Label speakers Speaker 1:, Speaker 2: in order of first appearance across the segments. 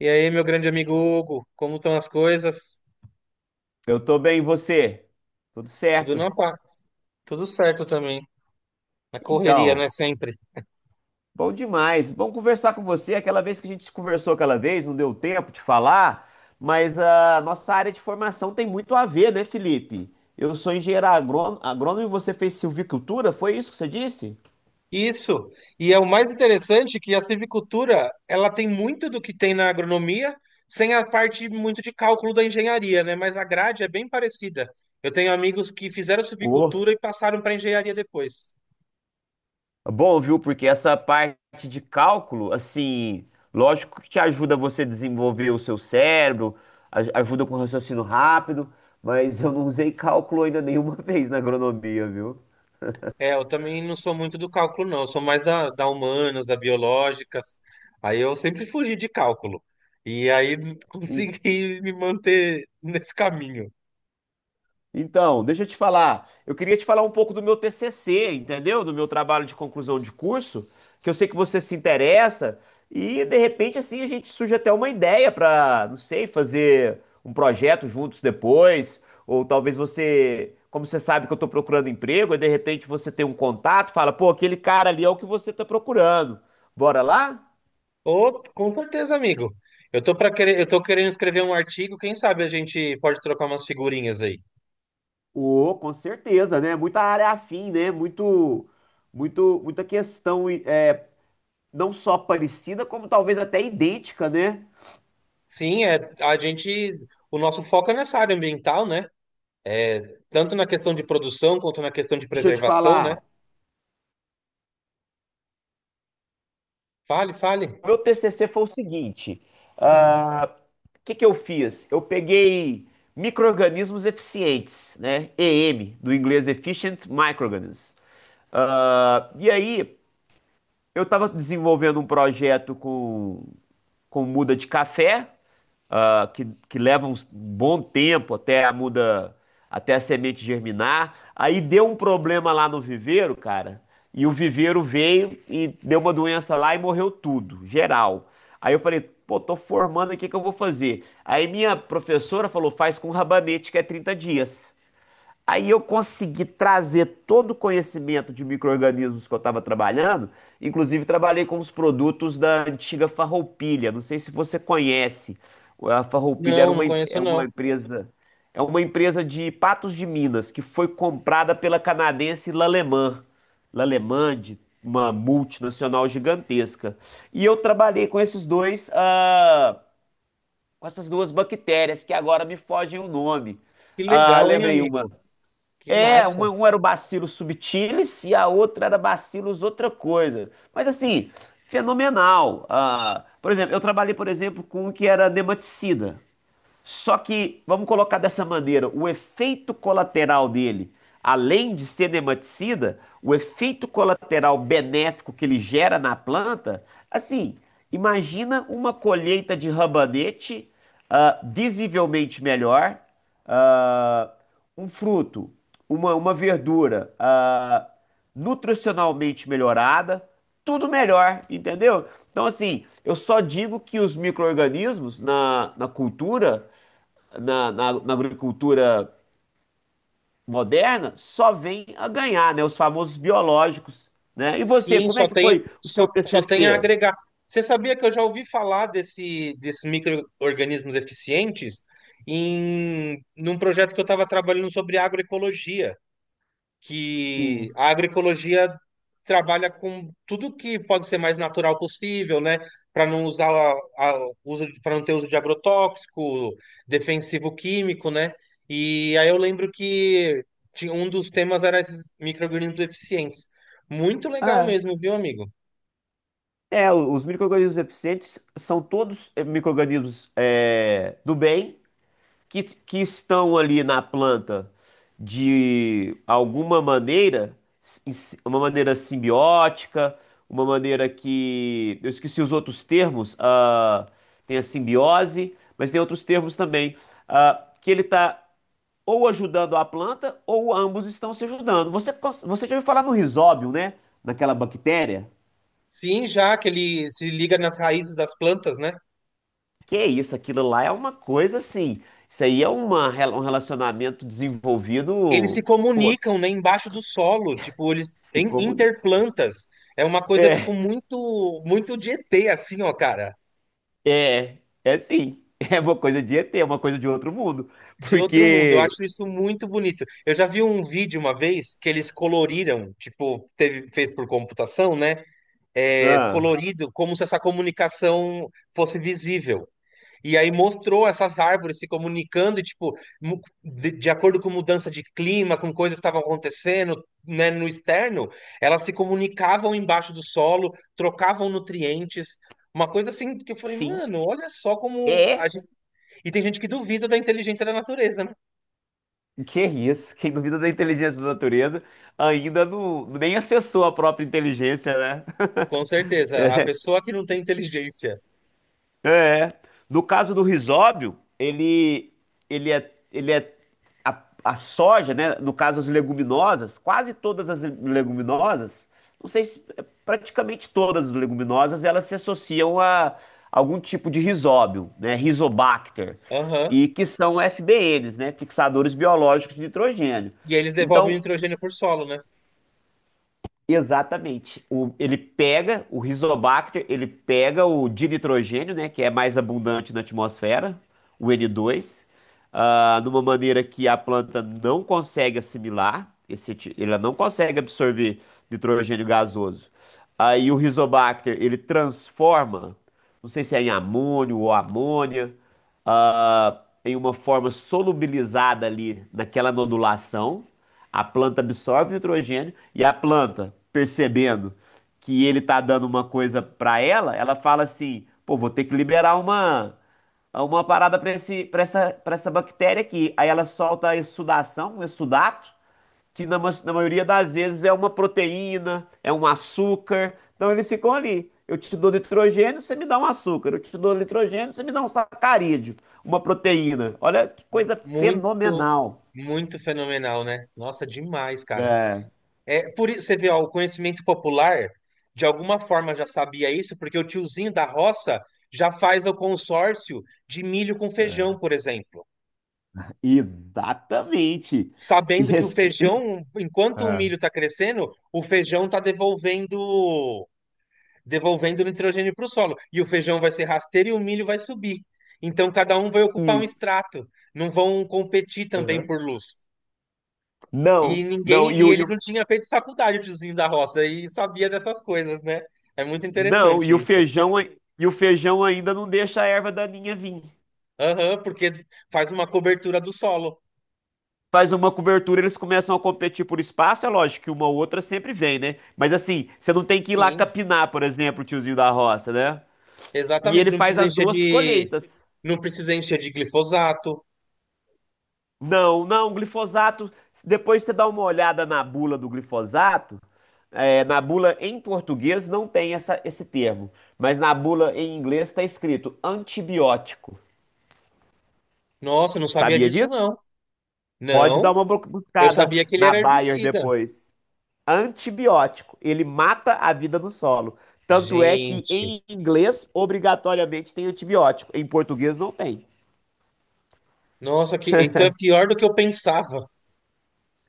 Speaker 1: E aí, meu grande amigo Hugo, como estão as coisas?
Speaker 2: Eu tô bem, e você? Tudo
Speaker 1: Tudo
Speaker 2: certo?
Speaker 1: na paz, tudo certo também. Na correria, né?
Speaker 2: Então,
Speaker 1: Sempre.
Speaker 2: bom demais. Bom conversar com você. Aquela vez que a gente conversou aquela vez, não deu tempo de falar, mas a nossa área de formação tem muito a ver, né, Felipe? Eu sou engenheiro agrônomo, agrônomo e você fez silvicultura, foi isso que você disse?
Speaker 1: Isso. E é o mais interessante que a civicultura, ela tem muito do que tem na agronomia, sem a parte muito de cálculo da engenharia, né? Mas a grade é bem parecida. Eu tenho amigos que fizeram
Speaker 2: Ô,
Speaker 1: civicultura e passaram para engenharia depois.
Speaker 2: bom, viu? Porque essa parte de cálculo, assim, lógico que ajuda você a desenvolver o seu cérebro, ajuda com raciocínio rápido, mas eu não usei cálculo ainda nenhuma vez na agronomia, viu?
Speaker 1: É, eu também não sou muito do cálculo, não. Eu sou mais da humanas, da biológicas. Aí eu sempre fugi de cálculo. E aí consegui me manter nesse caminho.
Speaker 2: Então, deixa eu te falar. Eu queria te falar um pouco do meu TCC, entendeu? Do meu trabalho de conclusão de curso, que eu sei que você se interessa, e de repente assim a gente surge até uma ideia para, não sei, fazer um projeto juntos depois, ou talvez você, como você sabe que eu tô procurando emprego, e de repente você tem um contato, fala, pô, aquele cara ali é o que você tá procurando. Bora lá?
Speaker 1: Ô, com certeza, amigo. Eu tô querendo escrever um artigo. Quem sabe a gente pode trocar umas figurinhas aí.
Speaker 2: Ô, com certeza, né? Muita área afim, né? Muito, muita questão é, não só parecida, como talvez até idêntica, né?
Speaker 1: Sim, é, a gente, o nosso foco é nessa área ambiental, né? É, tanto na questão de produção quanto na questão de
Speaker 2: Deixa eu te
Speaker 1: preservação, né?
Speaker 2: falar.
Speaker 1: Fale, fale.
Speaker 2: O meu TCC foi o seguinte: ah, o que que eu fiz? Eu peguei micro-organismos eficientes, né? EM, do inglês Efficient Microorganisms. Ah, e aí, eu estava desenvolvendo um projeto com muda de café, que leva um bom tempo até a muda, até a semente germinar. Aí deu um problema lá no viveiro, cara, e o viveiro veio e deu uma doença lá e morreu tudo, geral. Aí eu falei, pô, tô formando aqui, o que eu vou fazer? Aí minha professora falou, faz com rabanete, que é 30 dias. Aí eu consegui trazer todo o conhecimento de micro-organismos que eu estava trabalhando, inclusive trabalhei com os produtos da antiga Farroupilha. Não sei se você conhece. A Farroupilha era
Speaker 1: Não, não
Speaker 2: uma, em-
Speaker 1: conheço, não.
Speaker 2: é uma empresa de Patos de Minas que foi comprada pela canadense L'Allemand, L'Allemand, uma multinacional gigantesca. E eu trabalhei com esses dois, com essas duas bactérias que agora me fogem o nome.
Speaker 1: Que
Speaker 2: Ah,
Speaker 1: legal, hein,
Speaker 2: lembrei uma.
Speaker 1: amigo? Que massa.
Speaker 2: Um era o Bacillus subtilis e a outra era Bacillus outra coisa. Mas assim, fenomenal. Ah, por exemplo, eu trabalhei, por exemplo, com um que era nematicida. Só que, vamos colocar dessa maneira, o efeito colateral dele, além de ser cineticida, o efeito colateral benéfico que ele gera na planta, assim, imagina uma colheita de rabanete, visivelmente melhor, ah, um fruto, uma verdura, nutricionalmente melhorada, tudo melhor, entendeu? Então, assim, eu só digo que os micro-organismos na, na cultura na, na, na agricultura moderna só vem a ganhar, né? Os famosos biológicos, né? E você,
Speaker 1: Sim,
Speaker 2: como é
Speaker 1: só
Speaker 2: que
Speaker 1: tem,
Speaker 2: foi o
Speaker 1: só,
Speaker 2: seu
Speaker 1: só tem a
Speaker 2: TCC?
Speaker 1: agregar. Você sabia que eu já ouvi falar desses micro-organismos eficientes em num projeto que eu estava trabalhando sobre agroecologia? Que
Speaker 2: Sim.
Speaker 1: a agroecologia trabalha com tudo que pode ser mais natural possível, né? Para não usar a, para não ter uso de agrotóxico, defensivo químico, né? E aí eu lembro que um dos temas era esses micro-organismos eficientes. Muito legal
Speaker 2: É,
Speaker 1: mesmo, viu, amigo?
Speaker 2: é, os micro-organismos eficientes são todos micro-organismos do bem que estão ali na planta de alguma maneira, uma maneira simbiótica, uma maneira que, eu esqueci os outros termos, tem a simbiose, mas tem outros termos também, que ele está ou ajudando a planta ou ambos estão se ajudando. Você já ouviu falar no rizóbio, né? Naquela bactéria?
Speaker 1: Sim, já que ele se liga nas raízes das plantas, né?
Speaker 2: Que isso, aquilo lá é uma coisa assim. Isso aí é uma, um relacionamento
Speaker 1: Eles se
Speaker 2: desenvolvido. Pô,
Speaker 1: comunicam, né, embaixo do solo, tipo, eles
Speaker 2: se
Speaker 1: em
Speaker 2: comunica.
Speaker 1: interplantas. É uma coisa, tipo, muito, muito de ET, assim, ó, cara.
Speaker 2: É, é sim. É uma coisa de ET, é uma coisa de outro mundo.
Speaker 1: De outro mundo. Eu
Speaker 2: Porque.
Speaker 1: acho isso muito bonito. Eu já vi um vídeo uma vez que eles coloriram, tipo, teve, fez por computação, né? É,
Speaker 2: Ah,
Speaker 1: colorido, como se essa comunicação fosse visível. E aí mostrou essas árvores se comunicando, e, tipo, de acordo com mudança de clima, com coisas que estavam acontecendo, né, no externo, elas se comunicavam embaixo do solo, trocavam nutrientes, uma coisa assim que eu falei,
Speaker 2: sim,
Speaker 1: mano, olha só como a
Speaker 2: é.
Speaker 1: gente... E tem gente que duvida da inteligência da natureza, né?
Speaker 2: Que é isso? Quem duvida da inteligência da natureza ainda não, nem acessou a própria inteligência, né?
Speaker 1: Com certeza, a pessoa que não tem inteligência.
Speaker 2: É. No caso do risóbio, ele é a soja, né? No caso, as leguminosas, quase todas as leguminosas, não sei se é, praticamente todas as leguminosas, elas se associam a algum tipo de risóbio, né? Rizobacter,
Speaker 1: Aham.
Speaker 2: e que são FBNs, né? Fixadores biológicos de nitrogênio.
Speaker 1: E aí eles devolvem o
Speaker 2: Então,
Speaker 1: nitrogênio por solo, né?
Speaker 2: exatamente. Ele pega o Rizobacter, ele pega o dinitrogênio, né, que é mais abundante na atmosfera, o N2, de uma maneira que a planta não consegue assimilar, ela não consegue absorver nitrogênio gasoso. Aí o Rizobacter, ele transforma, não sei se é em amônio ou amônia, em uma forma solubilizada ali naquela nodulação. A planta absorve nitrogênio e a planta, percebendo que ele tá dando uma coisa para ela, ela fala assim: "Pô, vou ter que liberar uma parada para essa bactéria aqui". Aí ela solta a exsudação, um exsudato, que na maioria das vezes é uma proteína, é um açúcar. Então eles ficam ali. Eu te dou nitrogênio, você me dá um açúcar. Eu te dou nitrogênio, você me dá um sacarídeo, uma proteína. Olha que coisa
Speaker 1: Muito,
Speaker 2: fenomenal.
Speaker 1: muito fenomenal, né? Nossa, demais, cara.
Speaker 2: É.
Speaker 1: É, por, você vê, ó, o conhecimento popular, de alguma forma já sabia isso, porque o tiozinho da roça já faz o consórcio de milho com feijão, por exemplo.
Speaker 2: Exatamente.
Speaker 1: Sabendo
Speaker 2: E
Speaker 1: que o
Speaker 2: esse-
Speaker 1: feijão, enquanto o
Speaker 2: Ah,
Speaker 1: milho está crescendo, o feijão está devolvendo, devolvendo nitrogênio para o solo. E o feijão vai ser rasteiro e o milho vai subir. Então, cada um vai ocupar um
Speaker 2: isso.
Speaker 1: estrato. Não vão competir também
Speaker 2: Aham.
Speaker 1: por luz. E
Speaker 2: Não, não,
Speaker 1: ninguém, e
Speaker 2: e
Speaker 1: ele
Speaker 2: o-
Speaker 1: não tinha feito faculdade, o tiozinho da roça, e sabia dessas coisas, né? É muito
Speaker 2: não,
Speaker 1: interessante isso.
Speaker 2: e o feijão ainda não deixa a erva daninha vir.
Speaker 1: Aham, porque faz uma cobertura do solo.
Speaker 2: Faz uma cobertura, eles começam a competir por espaço, é lógico que uma ou outra sempre vem, né? Mas assim, você não tem que ir lá
Speaker 1: Sim,
Speaker 2: capinar, por exemplo, o tiozinho da roça, né? E
Speaker 1: exatamente.
Speaker 2: ele faz as duas colheitas.
Speaker 1: Não precisa encher de glifosato.
Speaker 2: Não, não, glifosato. Depois você dá uma olhada na bula do glifosato. Na bula em português não tem esse termo, mas na bula em inglês está escrito antibiótico.
Speaker 1: Nossa, eu não sabia
Speaker 2: Sabia
Speaker 1: disso,
Speaker 2: disso?
Speaker 1: não.
Speaker 2: Pode dar
Speaker 1: Não,
Speaker 2: uma
Speaker 1: eu
Speaker 2: buscada
Speaker 1: sabia que ele
Speaker 2: na
Speaker 1: era
Speaker 2: Bayer
Speaker 1: herbicida.
Speaker 2: depois. Antibiótico, ele mata a vida no solo. Tanto é que
Speaker 1: Gente,
Speaker 2: em inglês, obrigatoriamente, tem antibiótico. Em português, não tem.
Speaker 1: nossa, que, então é pior do que eu pensava.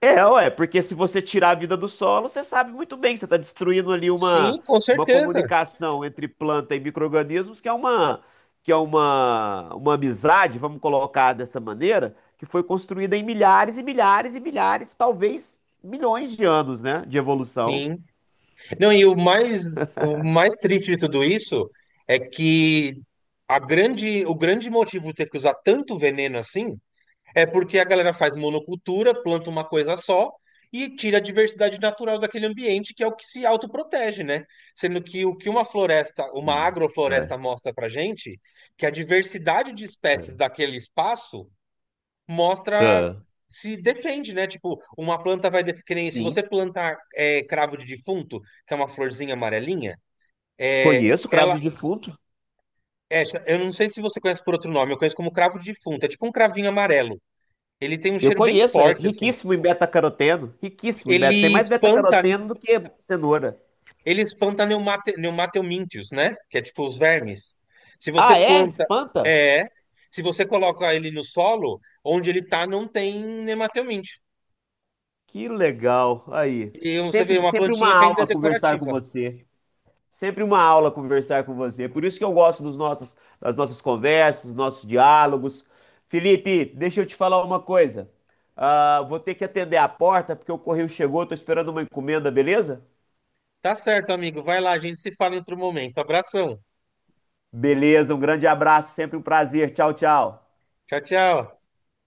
Speaker 2: É, ué, porque se você tirar a vida do solo, você sabe muito bem que você está destruindo ali
Speaker 1: Sim, com
Speaker 2: uma
Speaker 1: certeza.
Speaker 2: comunicação entre planta e micro-organismos, que é uma amizade, vamos colocar dessa maneira, que foi construída em milhares e milhares e milhares, talvez milhões de anos, né, de evolução.
Speaker 1: Sim. Não, e o mais triste de tudo isso é que a grande, o grande motivo de ter que usar tanto veneno assim é porque a galera faz monocultura, planta uma coisa só e tira a diversidade natural daquele ambiente, que é o que se autoprotege, né? Sendo que o que uma floresta, uma
Speaker 2: Sim. É,
Speaker 1: agrofloresta mostra pra gente, que a diversidade de espécies
Speaker 2: é.
Speaker 1: daquele espaço mostra
Speaker 2: Ah,
Speaker 1: se defende, né? Tipo, uma planta vai que nem se você
Speaker 2: sim.
Speaker 1: plantar é, cravo de defunto, que é uma florzinha amarelinha, é,
Speaker 2: Conheço o cravo
Speaker 1: ela
Speaker 2: de defunto.
Speaker 1: é, eu não sei se você conhece por outro nome, eu conheço como cravo de defunto, é tipo um cravinho amarelo. Ele tem um
Speaker 2: Eu
Speaker 1: cheiro bem
Speaker 2: conheço, é
Speaker 1: forte assim.
Speaker 2: riquíssimo em beta-caroteno, riquíssimo em beta, tem
Speaker 1: Ele
Speaker 2: mais
Speaker 1: espanta,
Speaker 2: beta-caroteno do que cenoura.
Speaker 1: ele espanta neumateomíntios, né? Que é tipo os vermes. Se você
Speaker 2: Ah, é?
Speaker 1: planta,
Speaker 2: Espanta?
Speaker 1: é, se você coloca ele no solo, onde ele tá não tem nemateomíntio.
Speaker 2: Que legal. Aí.
Speaker 1: E você vê uma
Speaker 2: Sempre uma
Speaker 1: plantinha que ainda é
Speaker 2: aula conversar com
Speaker 1: decorativa.
Speaker 2: você. Sempre uma aula conversar com você. Por isso que eu gosto das nossas conversas, dos nossos diálogos. Felipe, deixa eu te falar uma coisa. Ah, vou ter que atender a porta porque o correio chegou. Tô esperando uma encomenda, beleza?
Speaker 1: Tá certo, amigo. Vai lá, a gente se fala em outro momento. Abração.
Speaker 2: Beleza, um grande abraço, sempre um prazer. Tchau, tchau.
Speaker 1: Tchau, tchau.